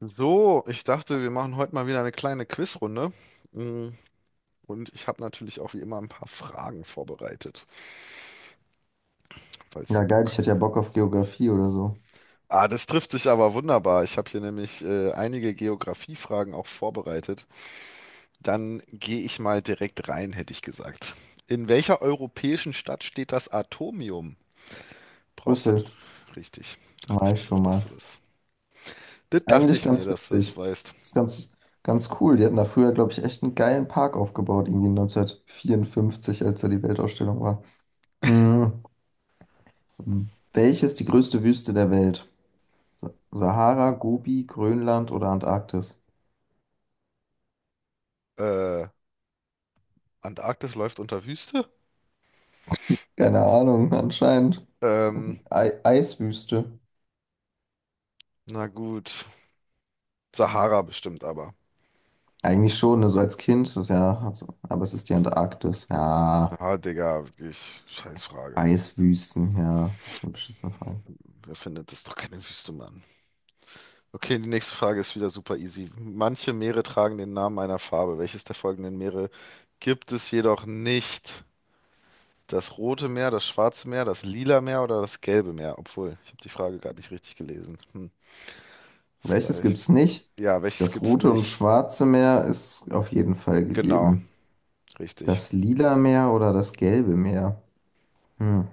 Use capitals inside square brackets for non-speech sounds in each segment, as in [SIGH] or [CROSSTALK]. So, ich dachte, wir machen heute mal wieder eine kleine Quizrunde. Mm. Und ich habe natürlich auch wie immer ein paar Fragen vorbereitet, falls du Ja, geil, Bock ich hätte ja hast. Bock auf Geografie oder so. Ah, das trifft sich aber wunderbar. Ich habe hier nämlich einige Geografiefragen auch vorbereitet. Dann gehe ich mal direkt rein, hätte ich gesagt. In welcher europäischen Stadt steht das Atomium? Brauchst du... Brüssel, Richtig, dachte war ich mir ich doch, schon dass mal. du das... Das dachte Eigentlich ich mir, ganz dass du das witzig. weißt. Ist ganz cool. Die hatten da früher, glaube ich, echt einen geilen Park aufgebaut, irgendwie 1954, als da die Weltausstellung war. Mhm. Welches die größte Wüste der Welt? Sahara, Gobi, Grönland oder Antarktis? Äh, Antarktis läuft unter Wüste? Keine Ahnung, [LAUGHS] anscheinend. Ähm, Ei Eiswüste. na gut. Sahara bestimmt aber. Eigentlich schon, ne, so als Kind, das ist ja, also, aber es ist die Antarktis. Ja. Ah, Digga, wirklich, scheiß Frage. Eiswüsten, ja, das ist eine beschissene Frage. Wer findet das doch keine Wüste, Mann? Okay, die nächste Frage ist wieder super easy. Manche Meere tragen den Namen einer Farbe. Welches der folgenden Meere gibt es jedoch nicht? Das Rote Meer, das Schwarze Meer, das Lila Meer oder das Gelbe Meer? Obwohl, ich habe die Frage gerade nicht richtig gelesen. Hm, Welches gibt's vielleicht. nicht? Ja, welches Das gibt's Rote und nicht? Schwarze Meer ist auf jeden Fall Genau, gegeben. richtig. Das Lila Meer oder das Gelbe Meer? Hm.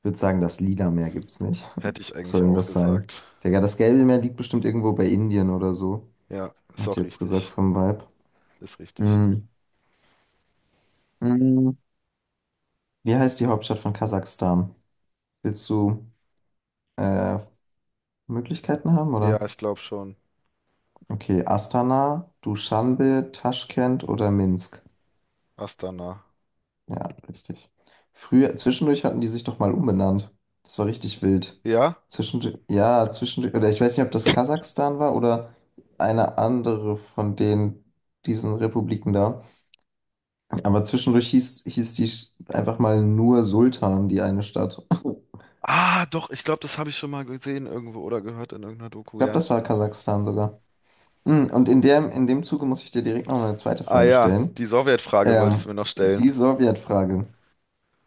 Ich würde sagen, das Lila Meer gibt's nicht. Hätte ich [LAUGHS] Was eigentlich soll denn auch das sein? gesagt. Digga, das Gelbe Meer liegt bestimmt irgendwo bei Indien oder so. Ja, ist Hätte ich auch jetzt gesagt richtig. vom Vibe. Ist richtig. Hm. Hm. Wie heißt die Hauptstadt von Kasachstan? Willst du äh, Möglichkeiten haben, Ja, oder? ich glaube schon. Okay, Astana, Duschanbe, Taschkent oder Minsk? Astana. Ja, richtig. Früher, zwischendurch hatten die sich doch mal umbenannt. Das war richtig wild. Ja? Zwischendurch, ja, zwischendurch, oder ich weiß nicht, ob das Kasachstan war oder eine andere von den, diesen Republiken da. Aber zwischendurch hieß die einfach mal nur Sultan, die eine Stadt. [LAUGHS] Ah, doch, ich glaube, das habe ich schon mal gesehen irgendwo oder gehört in irgendeiner Ich Doku, glaube, ja. das war Kasachstan sogar. Hm, und in dem Zuge muss ich dir direkt noch eine zweite Ah Frage ja, stellen. die Sowjetfrage wolltest Ähm, du mir noch stellen. die Sowjetfrage.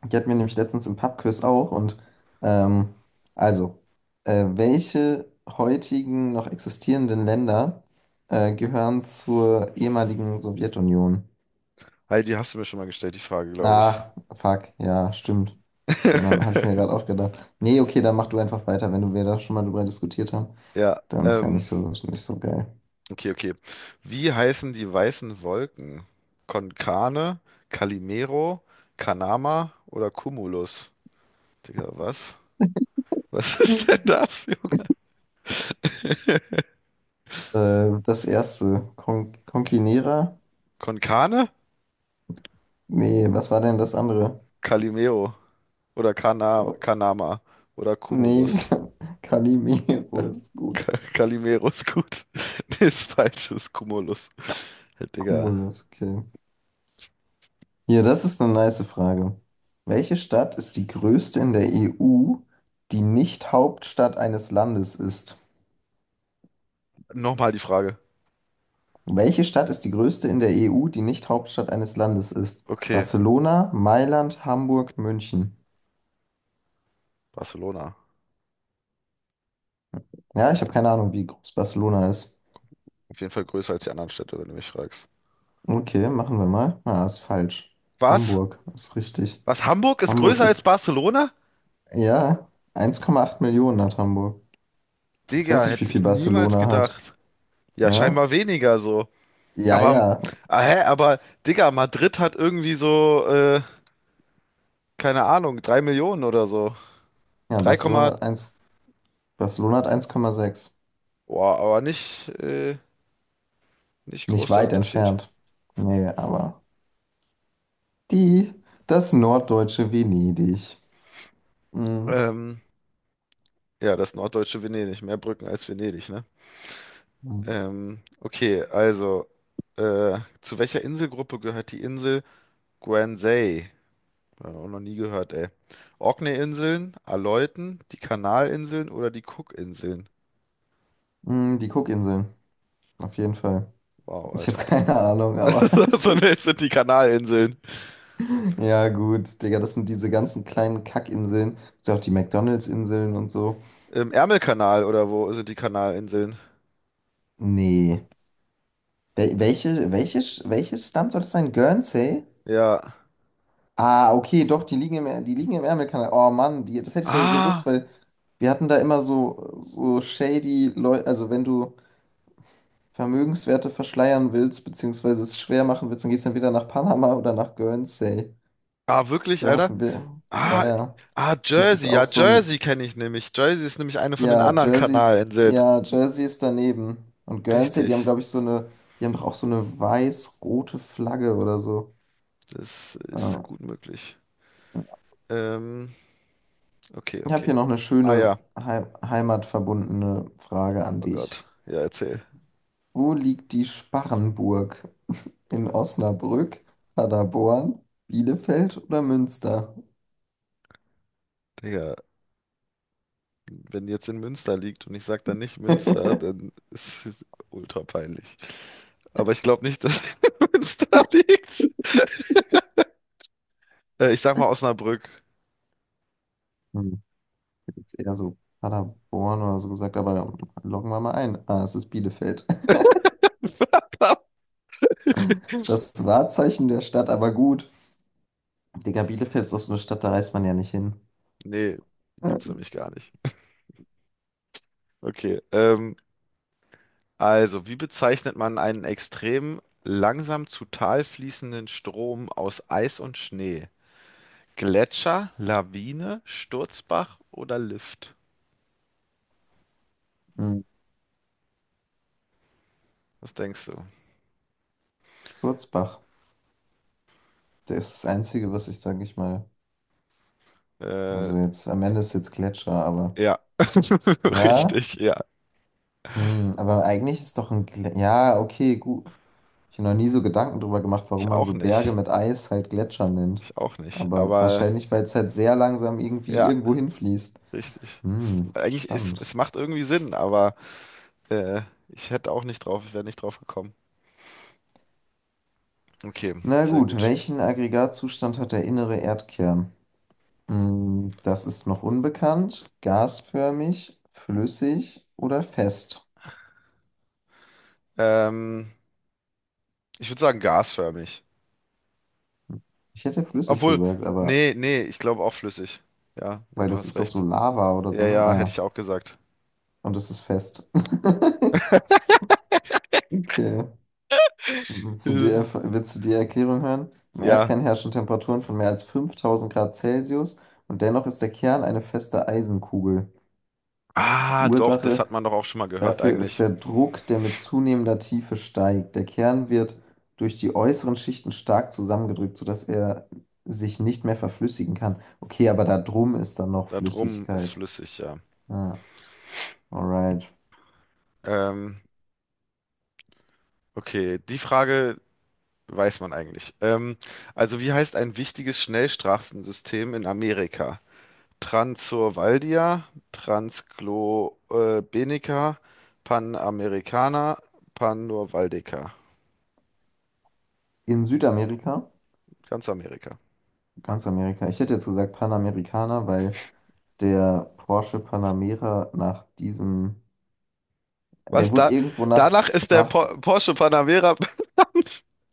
Die hatten wir nämlich letztens im Pub-Quiz auch. Und ähm, also, welche heutigen noch existierenden Länder gehören zur ehemaligen Sowjetunion? Heidi, die hast du mir schon mal gestellt, die Frage, glaube ich. Ach, fuck, ja, stimmt. Die anderen habe ich mir gerade auch gedacht. Nee, okay, dann mach du einfach weiter, wenn du wir da schon mal drüber diskutiert haben. Ja, Dann ist ja nicht so, nicht so geil. okay, okay. Wie heißen die weißen Wolken? Konkane, Calimero, Kanama oder Cumulus? Digga, was? Was [LAUGHS] Ja. ist denn das, Junge? Das erste, Conquinera? Konkane, Nee, was war denn das andere? Calimero oder Oh, Kanama oder nee, Cumulus? [LAUGHS] Calimero ist gut. Calimero ist gut. [LAUGHS] Nee, ist falsch, ist Cumulus. Hey, Digga. Cumulus, okay. Hier, das ist eine nice Frage. Welche Stadt ist die größte in der EU, die nicht Hauptstadt eines Landes ist? Nochmal die Frage. Welche Stadt ist die größte in der EU, die nicht Hauptstadt eines Landes ist? Okay, Barcelona, Mailand, Hamburg, München. Barcelona. Ja, ich habe keine Ahnung, wie groß Barcelona ist. Auf jeden Fall größer als die anderen Städte, wenn du mich fragst. Okay, machen wir mal. Na, ist falsch. Was? Hamburg ist richtig. Was, Hamburg ist Hamburg größer als ist, Barcelona? ja, 1,8 Millionen hat Hamburg. Ich Digga, weiß nicht, wie hätte viel ich niemals Barcelona hat. gedacht. Ja, Ja, scheinbar weniger so. ja, Aber, ja. ah, hä, aber, Digga, Madrid hat irgendwie so, keine Ahnung, 3 Millionen oder so. Ja, 3, Barcelona hat eins. Barcelona hat eins Komma sechs. Aber nicht, nicht Nicht groß der weit Unterschied. entfernt. Nee, aber die, das norddeutsche Venedig. Mm. Ähm, ja, das norddeutsche Venedig. Mehr Brücken als Venedig, ne? Mhm. Okay, also, zu welcher Inselgruppe gehört die Insel Guernsey? Auch noch nie gehört, ey. Orkney-Inseln, Aleuten, die Kanalinseln oder die Cook-Inseln? Mm, die Cookinseln, auf jeden Fall. Wow, Ich habe Alter. keine [LAUGHS] Ahnung, [LAUGHS] aber es So, ne, es ist. sind die Kanalinseln. Ja, gut, Digga, das sind diese ganzen kleinen Kackinseln. Ist ja auch die McDonald's-Inseln und so. Im Ärmelkanal oder wo sind die Kanalinseln? Nee. Welche, welches Land soll das sein? Guernsey? Ja. Ah, okay, doch, die liegen im, die liegen im Ärmelkanal. Oh Mann, die, das hätte ich sogar gewusst, Ah, weil wir hatten da immer so, so shady Leute. Also, wenn du Vermögenswerte verschleiern willst, beziehungsweise es schwer machen willst, dann gehst du entweder nach Panama oder nach Guernsey. ah, wirklich, Da Alter? hatten wir, ja, Ah, ja. Das ist Jersey. auch Ja, so ein, Jersey kenne ich nämlich. Jersey ist nämlich eine von den anderen Kanalinseln. ja, Jersey ist daneben. Und Guernsey, die haben, Richtig. glaube ich, so eine, die haben doch auch so eine weiß-rote Flagge oder so. Das ist Ah, ja, gut möglich. Ähm. Okay, ich habe okay. hier noch eine Ah schöne ja. Heimatverbundene Frage an Oh dich. Gott. Ja, erzähl. Wo liegt die Sparrenburg? In Osnabrück, Paderborn, Bielefeld oder Münster? Digga, wenn jetzt in Münster liegt und ich sag dann nicht Münster, [LAUGHS] dann ist es ultra peinlich. Aber ich glaube nicht, dass [LAUGHS] Münster liegt. Ich sag mal Osnabrück. Hm, ich hätte jetzt eher so Paderborn oder so gesagt, aber loggen wir mal ein. Ah, es ist Bielefeld. [LAUGHS] [LAUGHS] Das Wahrzeichen der Stadt, aber gut. Digga, Bielefeld ist doch so eine Stadt, da reist man ja nicht hin. Nee, Äh, gibt's nämlich gar nicht. Okay, also, wie bezeichnet man einen extrem langsam zu Tal fließenden Strom aus Eis und Schnee? Gletscher, Lawine, Sturzbach oder Lift? hm, Was denkst du? Sturzbach, der ist das Einzige, was ich, sage ich mal. Äh. Also jetzt, am Ende ist jetzt Gletscher, aber Ja, [LAUGHS] ja. richtig, ja. Hm, aber eigentlich ist doch ein... Glä ja, okay, gut. Ich habe noch nie so Gedanken drüber gemacht, Ich warum man auch so Berge nicht. mit Eis halt Gletscher nennt. Ich auch nicht. Aber Aber wahrscheinlich, weil es halt sehr langsam irgendwie ja, irgendwo hinfließt. richtig. Hm, Eigentlich, spannend. es macht irgendwie Sinn, aber äh, ich hätte auch nicht ich wäre nicht drauf gekommen. Okay, Na sehr gut, gut. welchen Aggregatzustand hat der innere Erdkern? Hm, das ist noch unbekannt. Gasförmig, flüssig oder fest? Ähm, ich würde sagen gasförmig. Ich hätte flüssig Obwohl, gesagt, aber nee, nee, ich glaube auch flüssig. Ja, nee, weil du das hast ist doch so recht. Lava oder so, Ja, ne? ja, hätte Ah, ich auch gesagt. und es ist fest. [LAUGHS] Okay. Willst du die, [LAUGHS] willst du die Erklärung hören? Im Ja. Erdkern herrschen Temperaturen von mehr als 5.000 Grad Celsius und dennoch ist der Kern eine feste Eisenkugel. Ah, doch, das Ursache hat man doch auch schon mal gehört dafür ist eigentlich. der Druck, der mit zunehmender Tiefe steigt. Der Kern wird durch die äußeren Schichten stark zusammengedrückt, sodass er sich nicht mehr verflüssigen kann. Okay, aber da drum ist dann noch Da drum ist Flüssigkeit. flüssig, ja. Ah, alright. Ähm, okay, die Frage Weiß man eigentlich. Also wie heißt ein wichtiges Schnellstraßensystem in Amerika? Transurvaldia, Transglobenica, Panamericana, Panurvaldeca. In Südamerika, Ganz Amerika. ganz Amerika, ich hätte jetzt gesagt Panamerikaner, weil der Porsche Panamera nach diesem, der Was wurde da? irgendwo nach, Danach ist der nach, Porsche Panamera.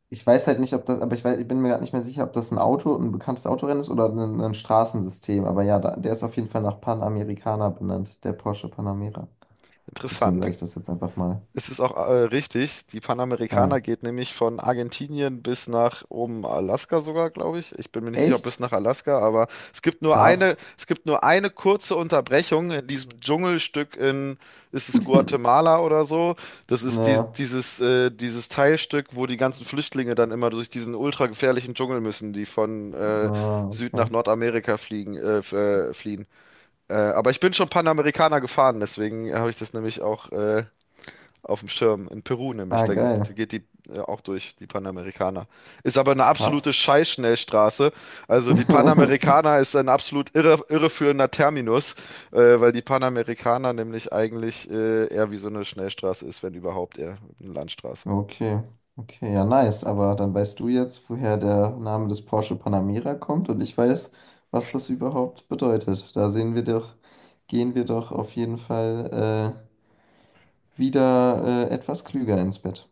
ich weiß halt nicht, ob das, aber ich weiß, ich bin mir gerade nicht mehr sicher, ob das ein Auto, ein bekanntes Autorennen ist oder ein Straßensystem. Aber ja, da, der ist auf jeden Fall nach Panamericana benannt, der Porsche Panamera. [LAUGHS] Deswegen Interessant. sage ich das jetzt einfach mal. Es ist auch richtig, die Panamericana Ja. geht nämlich von Argentinien bis nach oben Alaska sogar, glaube ich. Ich bin mir nicht sicher, ob bis Echt? nach Alaska, aber Krass. es gibt nur eine kurze Unterbrechung in diesem Dschungelstück ist es [LAUGHS] Guatemala oder so? Das ist Ja, dieses, dieses Teilstück, wo die ganzen Flüchtlinge dann immer durch diesen ultra gefährlichen Dschungel müssen, die von ja, Süd nach okay. Nordamerika fliehen. Aber ich bin schon Panamericana gefahren, deswegen habe ich das nämlich auch auf dem Schirm. In Peru nämlich, Ah, da geil. geht die auch durch, die Panamericana. Ist aber eine absolute Krass. Scheißschnellstraße. Also die [LAUGHS] Panamericana ist ein absolut irreführender Terminus, weil die Panamericana nämlich eigentlich eher wie so eine Schnellstraße ist, wenn überhaupt eher eine Landstraße. Okay, okay, ja, nice. Aber dann weißt du jetzt, woher der Name des Porsche Panamera kommt und ich weiß, was das überhaupt bedeutet. Da sehen wir doch, gehen wir doch auf jeden Fall wieder etwas klüger ins Bett.